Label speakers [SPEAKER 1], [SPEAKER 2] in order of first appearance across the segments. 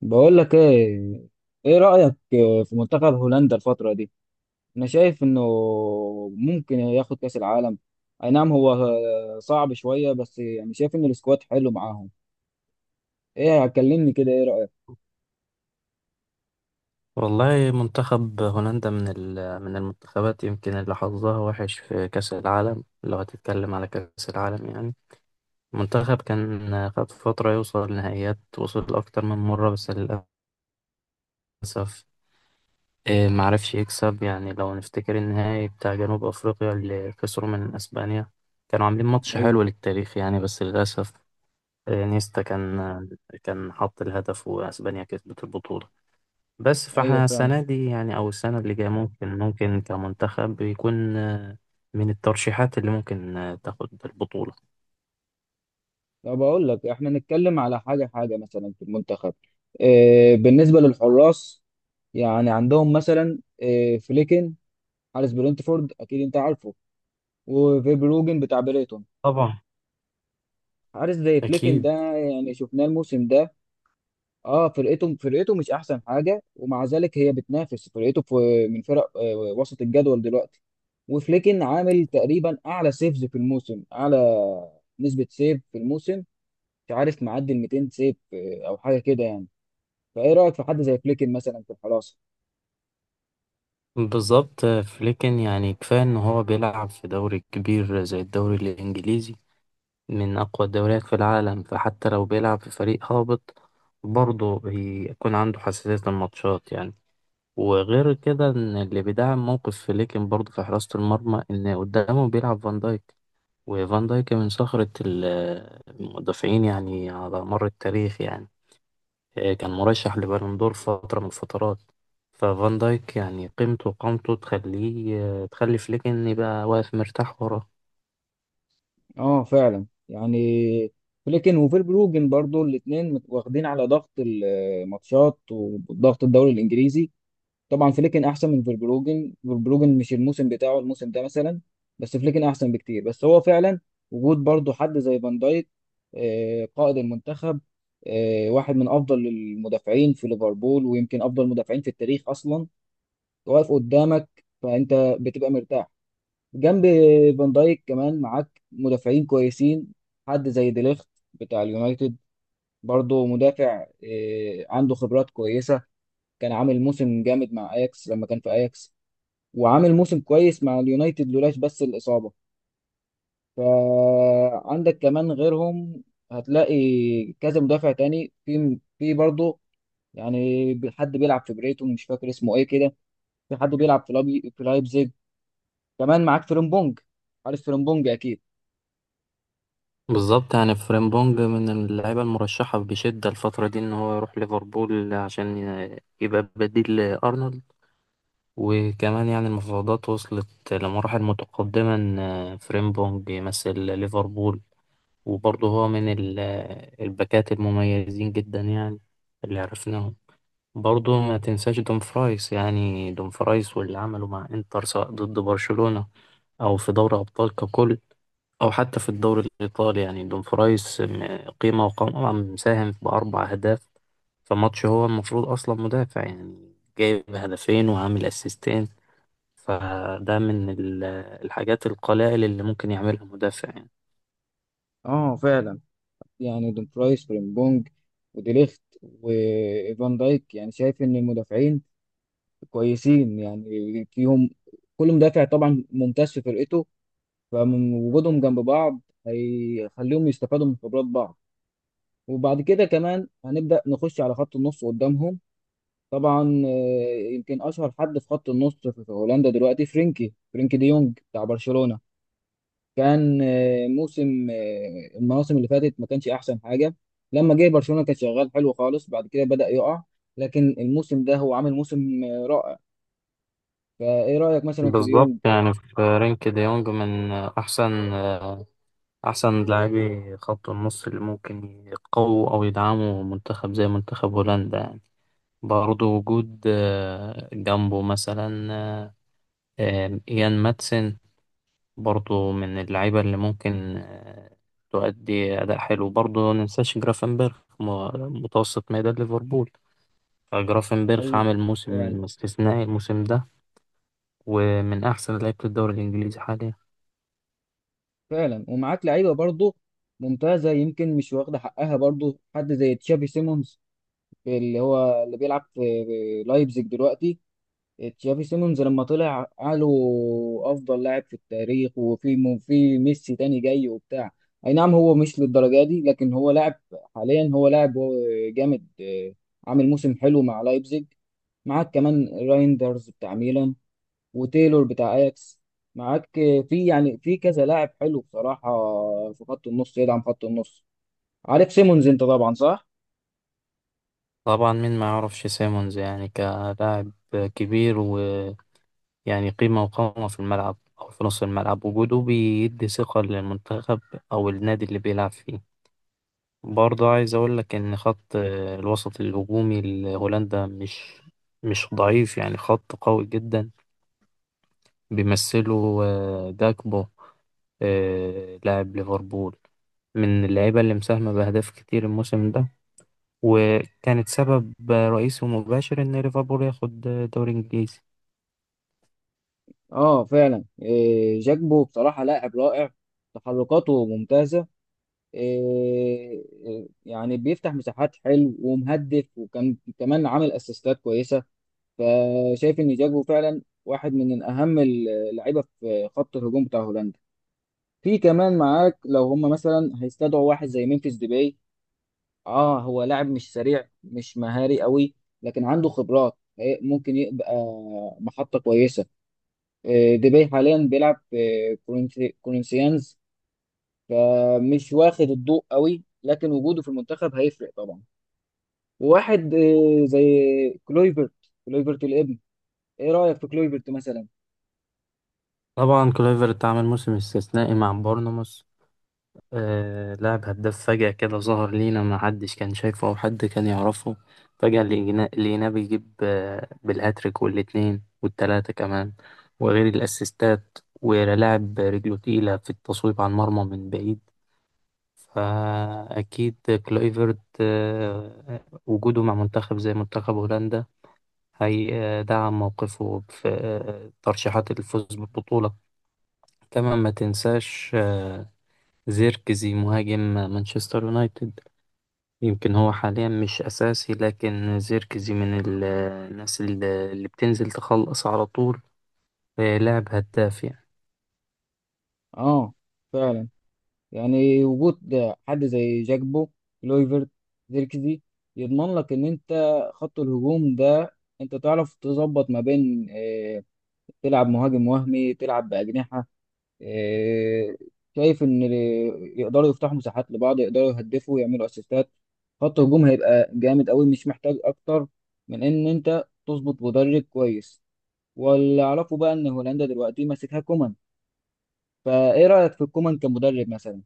[SPEAKER 1] بقول لك ايه، ايه رأيك في منتخب هولندا الفترة دي؟ انا شايف انه ممكن ياخد كأس العالم. اي نعم هو صعب شوية بس يعني شايف ان السكواد حلو معاهم. ايه كلمني كده، ايه رأيك؟
[SPEAKER 2] والله منتخب هولندا من المنتخبات يمكن اللي حظها وحش في كأس العالم لو هتتكلم على كأس العالم يعني. منتخب كان خد فترة يوصل نهائيات، وصل أكتر من مرة، بس للأسف معرفش يكسب يعني. لو نفتكر النهائي بتاع جنوب أفريقيا اللي خسروا من أسبانيا، كانوا عاملين ماتش
[SPEAKER 1] ايوه،
[SPEAKER 2] حلو للتاريخ يعني، بس للأسف نيستا كان حط الهدف وأسبانيا كسبت البطولة. بس
[SPEAKER 1] ايوه
[SPEAKER 2] فاحنا
[SPEAKER 1] فعلا.
[SPEAKER 2] السنة دي يعني أو السنة اللي جاية ممكن كمنتخب يكون من الترشيحات اللي ممكن تاخد البطولة.
[SPEAKER 1] طب اقول لك احنا نتكلم على حاجة حاجة مثلا في المنتخب، إيه بالنسبة للحراس؟ يعني عندهم مثلا إيه؟ فليكن، حارس برينتفورد، اكيد انت عارفه، وفيبروجن بتاع بريتون.
[SPEAKER 2] طبعا.
[SPEAKER 1] حارس زي فليكن
[SPEAKER 2] أكيد.
[SPEAKER 1] ده، يعني شفناه الموسم ده. اه، فرقته مش احسن حاجه، ومع ذلك هي بتنافس فرقته في من فرق وسط الجدول دلوقتي. وفليكن عامل تقريبا اعلى سيفز في الموسم، اعلى نسبه سيف في الموسم. مش عارف معدي ال 200 سيف او حاجه كده يعني. فايه رايك في حد زي فليكن مثلا في الحراسه؟
[SPEAKER 2] بالظبط. فليكن يعني كفاية إن هو بيلعب في دوري كبير زي الدوري الإنجليزي، من أقوى الدوريات في العالم، فحتى لو بيلعب في فريق هابط برضه يكون عنده حساسية الماتشات يعني. وغير كده إن اللي بيدعم موقف فليكن برضه في حراسة المرمى إن قدامه بيلعب فان دايك. وفان دايك من صخرة المدافعين يعني على مر التاريخ يعني. كان مرشح لبالون دور فترة من الفترات. ففان دايك يعني قيمته وقامته تخلي فليك إن يبقى واقف مرتاح وراه.
[SPEAKER 1] اه فعلا، يعني فليكن وفيربروجن برضو الاثنين واخدين على ضغط الماتشات وضغط الدوري الانجليزي. طبعا فليكن احسن من فولبروجن، فولبروجن مش الموسم بتاعه الموسم ده مثلا، بس فليكن احسن بكتير. بس هو فعلا وجود برضه حد زي فان دايك، قائد المنتخب، واحد من افضل المدافعين في ليفربول، ويمكن افضل المدافعين في التاريخ اصلا، واقف قدامك، فانت بتبقى مرتاح. جنب فان دايك كمان معاك مدافعين كويسين، حد زي ديليخت بتاع اليونايتد، برضه مدافع عنده خبرات كويسة. كان عامل موسم جامد مع اياكس لما كان في اياكس، وعامل موسم كويس مع اليونايتد لولاش بس الإصابة. فعندك كمان غيرهم، هتلاقي كذا مدافع تاني في برضه، يعني حد بيلعب في بريتون مش فاكر اسمه ايه كده، في حد بيلعب في لايبزيج. كمان معاك فريمبونج، عارف فريمبونج اكيد.
[SPEAKER 2] بالظبط يعني فريمبونج من اللعيبة المرشحة بشدة الفترة دي إن هو يروح ليفربول عشان يبقى بديل لأرنولد. وكمان يعني المفاوضات وصلت لمراحل متقدمة إن فريمبونج يمثل ليفربول. وبرضه هو من الباكات المميزين جدا يعني، اللي عرفناهم. برضه ما تنساش دومفرايس يعني. دومفرايس واللي عمله مع انتر سواء ضد برشلونة أو في دوري أبطال ككل أو حتى في الدوري الإيطالي، يعني دومفرايس قيمة وقامة، مساهم بأربع أهداف في ماتش هو المفروض أصلا مدافع يعني، جايب هدفين وعامل أسيستين. فده من الحاجات القلائل اللي ممكن يعملها مدافع يعني.
[SPEAKER 1] اه فعلا، يعني دومفرايس، فريمبونج، وديليخت، وفان دايك، يعني شايف ان المدافعين كويسين، يعني فيهم كل مدافع طبعا ممتاز في فرقته. فمن وجودهم جنب بعض هيخليهم يستفادوا من خبرات بعض. وبعد كده كمان هنبدأ نخش على خط النص قدامهم. طبعا يمكن أشهر حد في خط النص في هولندا دلوقتي فرينكي دي يونج بتاع برشلونة. كان آه، موسم آه، المواسم اللي فاتت ما كانش أحسن حاجة. لما جه برشلونة كان شغال حلو خالص، بعد كده بدأ يقع. لكن الموسم ده هو عامل موسم رائع. فإيه رأيك مثلا في
[SPEAKER 2] بالظبط
[SPEAKER 1] ديونج؟
[SPEAKER 2] يعني في رينك دي يونج من أحسن لاعبي خط النص اللي ممكن يقووا أو يدعموا منتخب زي منتخب هولندا يعني. برضه وجود جنبه مثلا إيان ماتسن، برضه من اللعيبة اللي ممكن تؤدي أداء حلو. برضه مننساش جرافنبرخ متوسط ميدان ليفربول. فجرافنبرخ
[SPEAKER 1] هل
[SPEAKER 2] عامل
[SPEAKER 1] فعلا.
[SPEAKER 2] موسم استثنائي الموسم ده، ومن أحسن لعيبة الدوري الإنجليزي حاليا.
[SPEAKER 1] فعلا، ومعاك لعيبه برضه ممتازه، يمكن مش واخده حقها برضه حد زي تشافي سيمونز، اللي هو اللي بيلعب في لايبزيج دلوقتي. تشافي سيمونز لما طلع قالوا افضل لاعب في التاريخ، وفي في ميسي تاني جاي وبتاع. اي نعم هو مش للدرجه دي، لكن هو لاعب، حاليا هو لاعب، هو جامد عامل موسم حلو مع لايبزيج. معاك كمان رايندرز بتاع ميلان، وتايلور بتاع اياكس. معاك في يعني في كذا لاعب حلو بصراحة في خط النص يدعم خط النص. عارف سيمونز انت طبعا، صح؟
[SPEAKER 2] طبعا، مين ما يعرفش سيمونز يعني؟ كلاعب كبير، ويعني قيمة وقامة في الملعب أو في نص الملعب، وجوده بيدي ثقة للمنتخب أو النادي اللي بيلعب فيه. برضه عايز أقول لك إن خط الوسط الهجومي لهولندا مش ضعيف يعني، خط قوي جدا، بيمثله جاكبو، لاعب ليفربول، من اللعيبة اللي مساهمة بأهداف كتير الموسم ده، وكانت سبب رئيسي ومباشر إن ليفربول ياخد دوري إنجليزي.
[SPEAKER 1] اه فعلا، إيه جاكبو بصراحة لاعب رائع، تحركاته ممتازة. إيه إيه، يعني بيفتح مساحات حلو ومهدف، وكان كمان عامل اسيستات كويسة. فشايف ان جاكبو فعلا واحد من اهم اللعيبة في خط الهجوم بتاع هولندا. في كمان معاك لو هم مثلا هيستدعوا واحد زي ممفيس ديباي. اه هو لاعب مش سريع مش مهاري قوي، لكن عنده خبرات، ممكن يبقى محطة كويسة. ديباي حاليا بيلعب في كورنثيانز، فمش واخد الضوء قوي، لكن وجوده في المنتخب هيفرق طبعا. وواحد زي كلويفرت، كلويفرت الابن. ايه رأيك في كلويفرت مثلا؟
[SPEAKER 2] طبعا كلويفرت عمل موسم استثنائي مع بورنموث. لاعب هداف، فجأة كده ظهر لينا، ما حدش كان شايفه أو حد كان يعرفه. فجأة لقيناه بيجيب بالهاتريك والاتنين والتلاتة كمان، وغير الأسيستات، ولاعب رجله تقيلة في التصويب على المرمى من بعيد. فأكيد كلويفرت وجوده مع منتخب زي منتخب هولندا هيدعم موقفه في ترشيحات الفوز بالبطولة. طبعا ما تنساش زيركزي مهاجم مانشستر يونايتد. يمكن هو حاليا مش أساسي، لكن زيركزي من الناس اللي بتنزل تخلص على طول، لاعب هداف يعني.
[SPEAKER 1] اه فعلا، يعني وجود حد زي جاكبو، كلويفرت، زيركزي، يضمن لك ان انت خط الهجوم ده انت تعرف تظبط ما بين تلعب مهاجم وهمي، تلعب بأجنحة. آه، شايف ان يقدروا يفتحوا مساحات لبعض، يقدروا يهدفوا، يعملوا اسيستات. خط هجوم هيبقى جامد قوي، مش محتاج اكتر من ان انت تظبط مدرب كويس. واللي اعرفه بقى ان هولندا دلوقتي ماسكها كومان. فايه رأيك في كومان كمدرب مثلا؟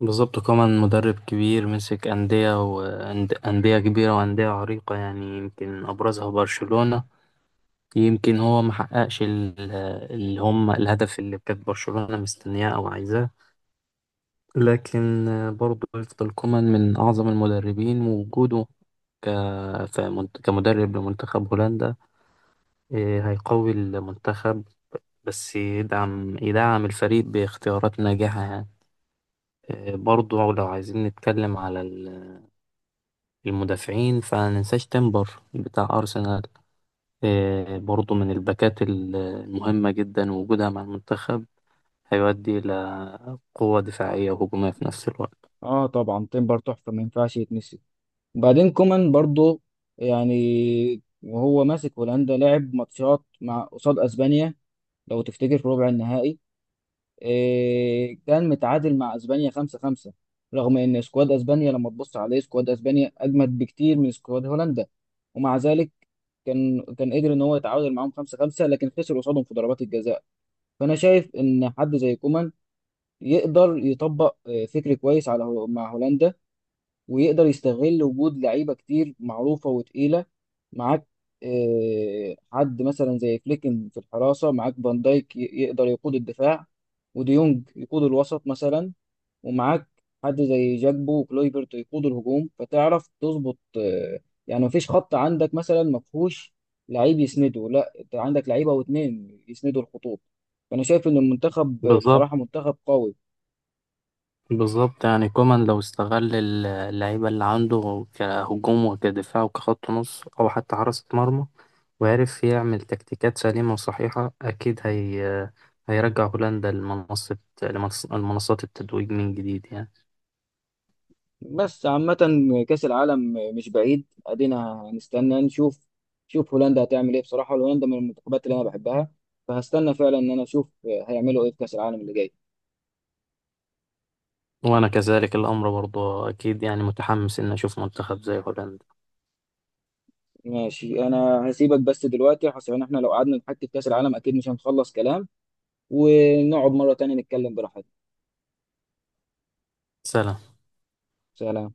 [SPEAKER 2] بالظبط، كمان مدرب كبير، مسك أندية وأندية كبيرة وأندية عريقة يعني، يمكن أبرزها برشلونة. يمكن هو محققش اللي هم الهدف اللي كانت برشلونة مستنياه أو عايزاه، لكن برضه يفضل كومان من أعظم المدربين، ووجوده ك... كمدرب لمنتخب هولندا، إيه، هيقوي المنتخب، بس يدعم الفريق باختيارات ناجحة يعني. إيه، برضو لو عايزين نتكلم على المدافعين، فمننساش تيمبر بتاع أرسنال. إيه، برضو من الباكات المهمة جدا، وجودها مع المنتخب هيؤدي إلى قوة دفاعية وهجومية في نفس الوقت.
[SPEAKER 1] اه طبعا تمبر تحفة، ما ينفعش يتنسي. وبعدين كومان برضو، يعني وهو ماسك هولندا لعب ماتشات مع قصاد اسبانيا، لو تفتكر في ربع النهائي. إيه كان متعادل مع اسبانيا 5-5، رغم ان سكواد اسبانيا لما تبص عليه سكواد اسبانيا اجمد بكتير من سكواد هولندا، ومع ذلك كان قدر ان هو يتعادل معاهم 5-5، لكن خسر قصادهم في ضربات الجزاء. فانا شايف ان حد زي كومان يقدر يطبق فكر كويس على مع هولندا، ويقدر يستغل وجود لعيبه كتير معروفه وتقيله. معاك حد مثلا زي فليكن في الحراسه، معاك فان دايك، يقدر يقود الدفاع، وديونج يقود الوسط مثلا، ومعاك حد زي جاكبو وكلويفرت يقود الهجوم. فتعرف تظبط، يعني مفيش خط عندك مثلا مفهوش لعيب يسنده، لا انت عندك لعيبه واتنين يسندوا الخطوط. فانا شايف ان المنتخب
[SPEAKER 2] بالظبط.
[SPEAKER 1] بصراحه منتخب قوي.
[SPEAKER 2] بالظبط يعني كومان لو استغل اللعيبة اللي عنده كهجوم وكدفاع وكخط نص أو حتى حراسة مرمى، وعرف يعمل تكتيكات سليمة وصحيحة، أكيد هيرجع هولندا لمنصة لمنصات التتويج من جديد يعني.
[SPEAKER 1] بس عامة كأس العالم مش بعيد، ادينا هنستنى نشوف شوف هولندا هتعمل ايه. بصراحة هولندا من المنتخبات اللي انا بحبها، فهستنى فعلا ان انا اشوف هيعملوا ايه في كأس العالم اللي جاي.
[SPEAKER 2] وأنا كذلك الأمر، برضه أكيد يعني متحمس إن أشوف منتخب زي هولندا.
[SPEAKER 1] ماشي انا هسيبك بس دلوقتي عشان احنا لو قعدنا نحكي في كأس العالم اكيد مش هنخلص كلام، ونقعد مرة تانية نتكلم براحتنا.
[SPEAKER 2] سلام.
[SPEAKER 1] سلام.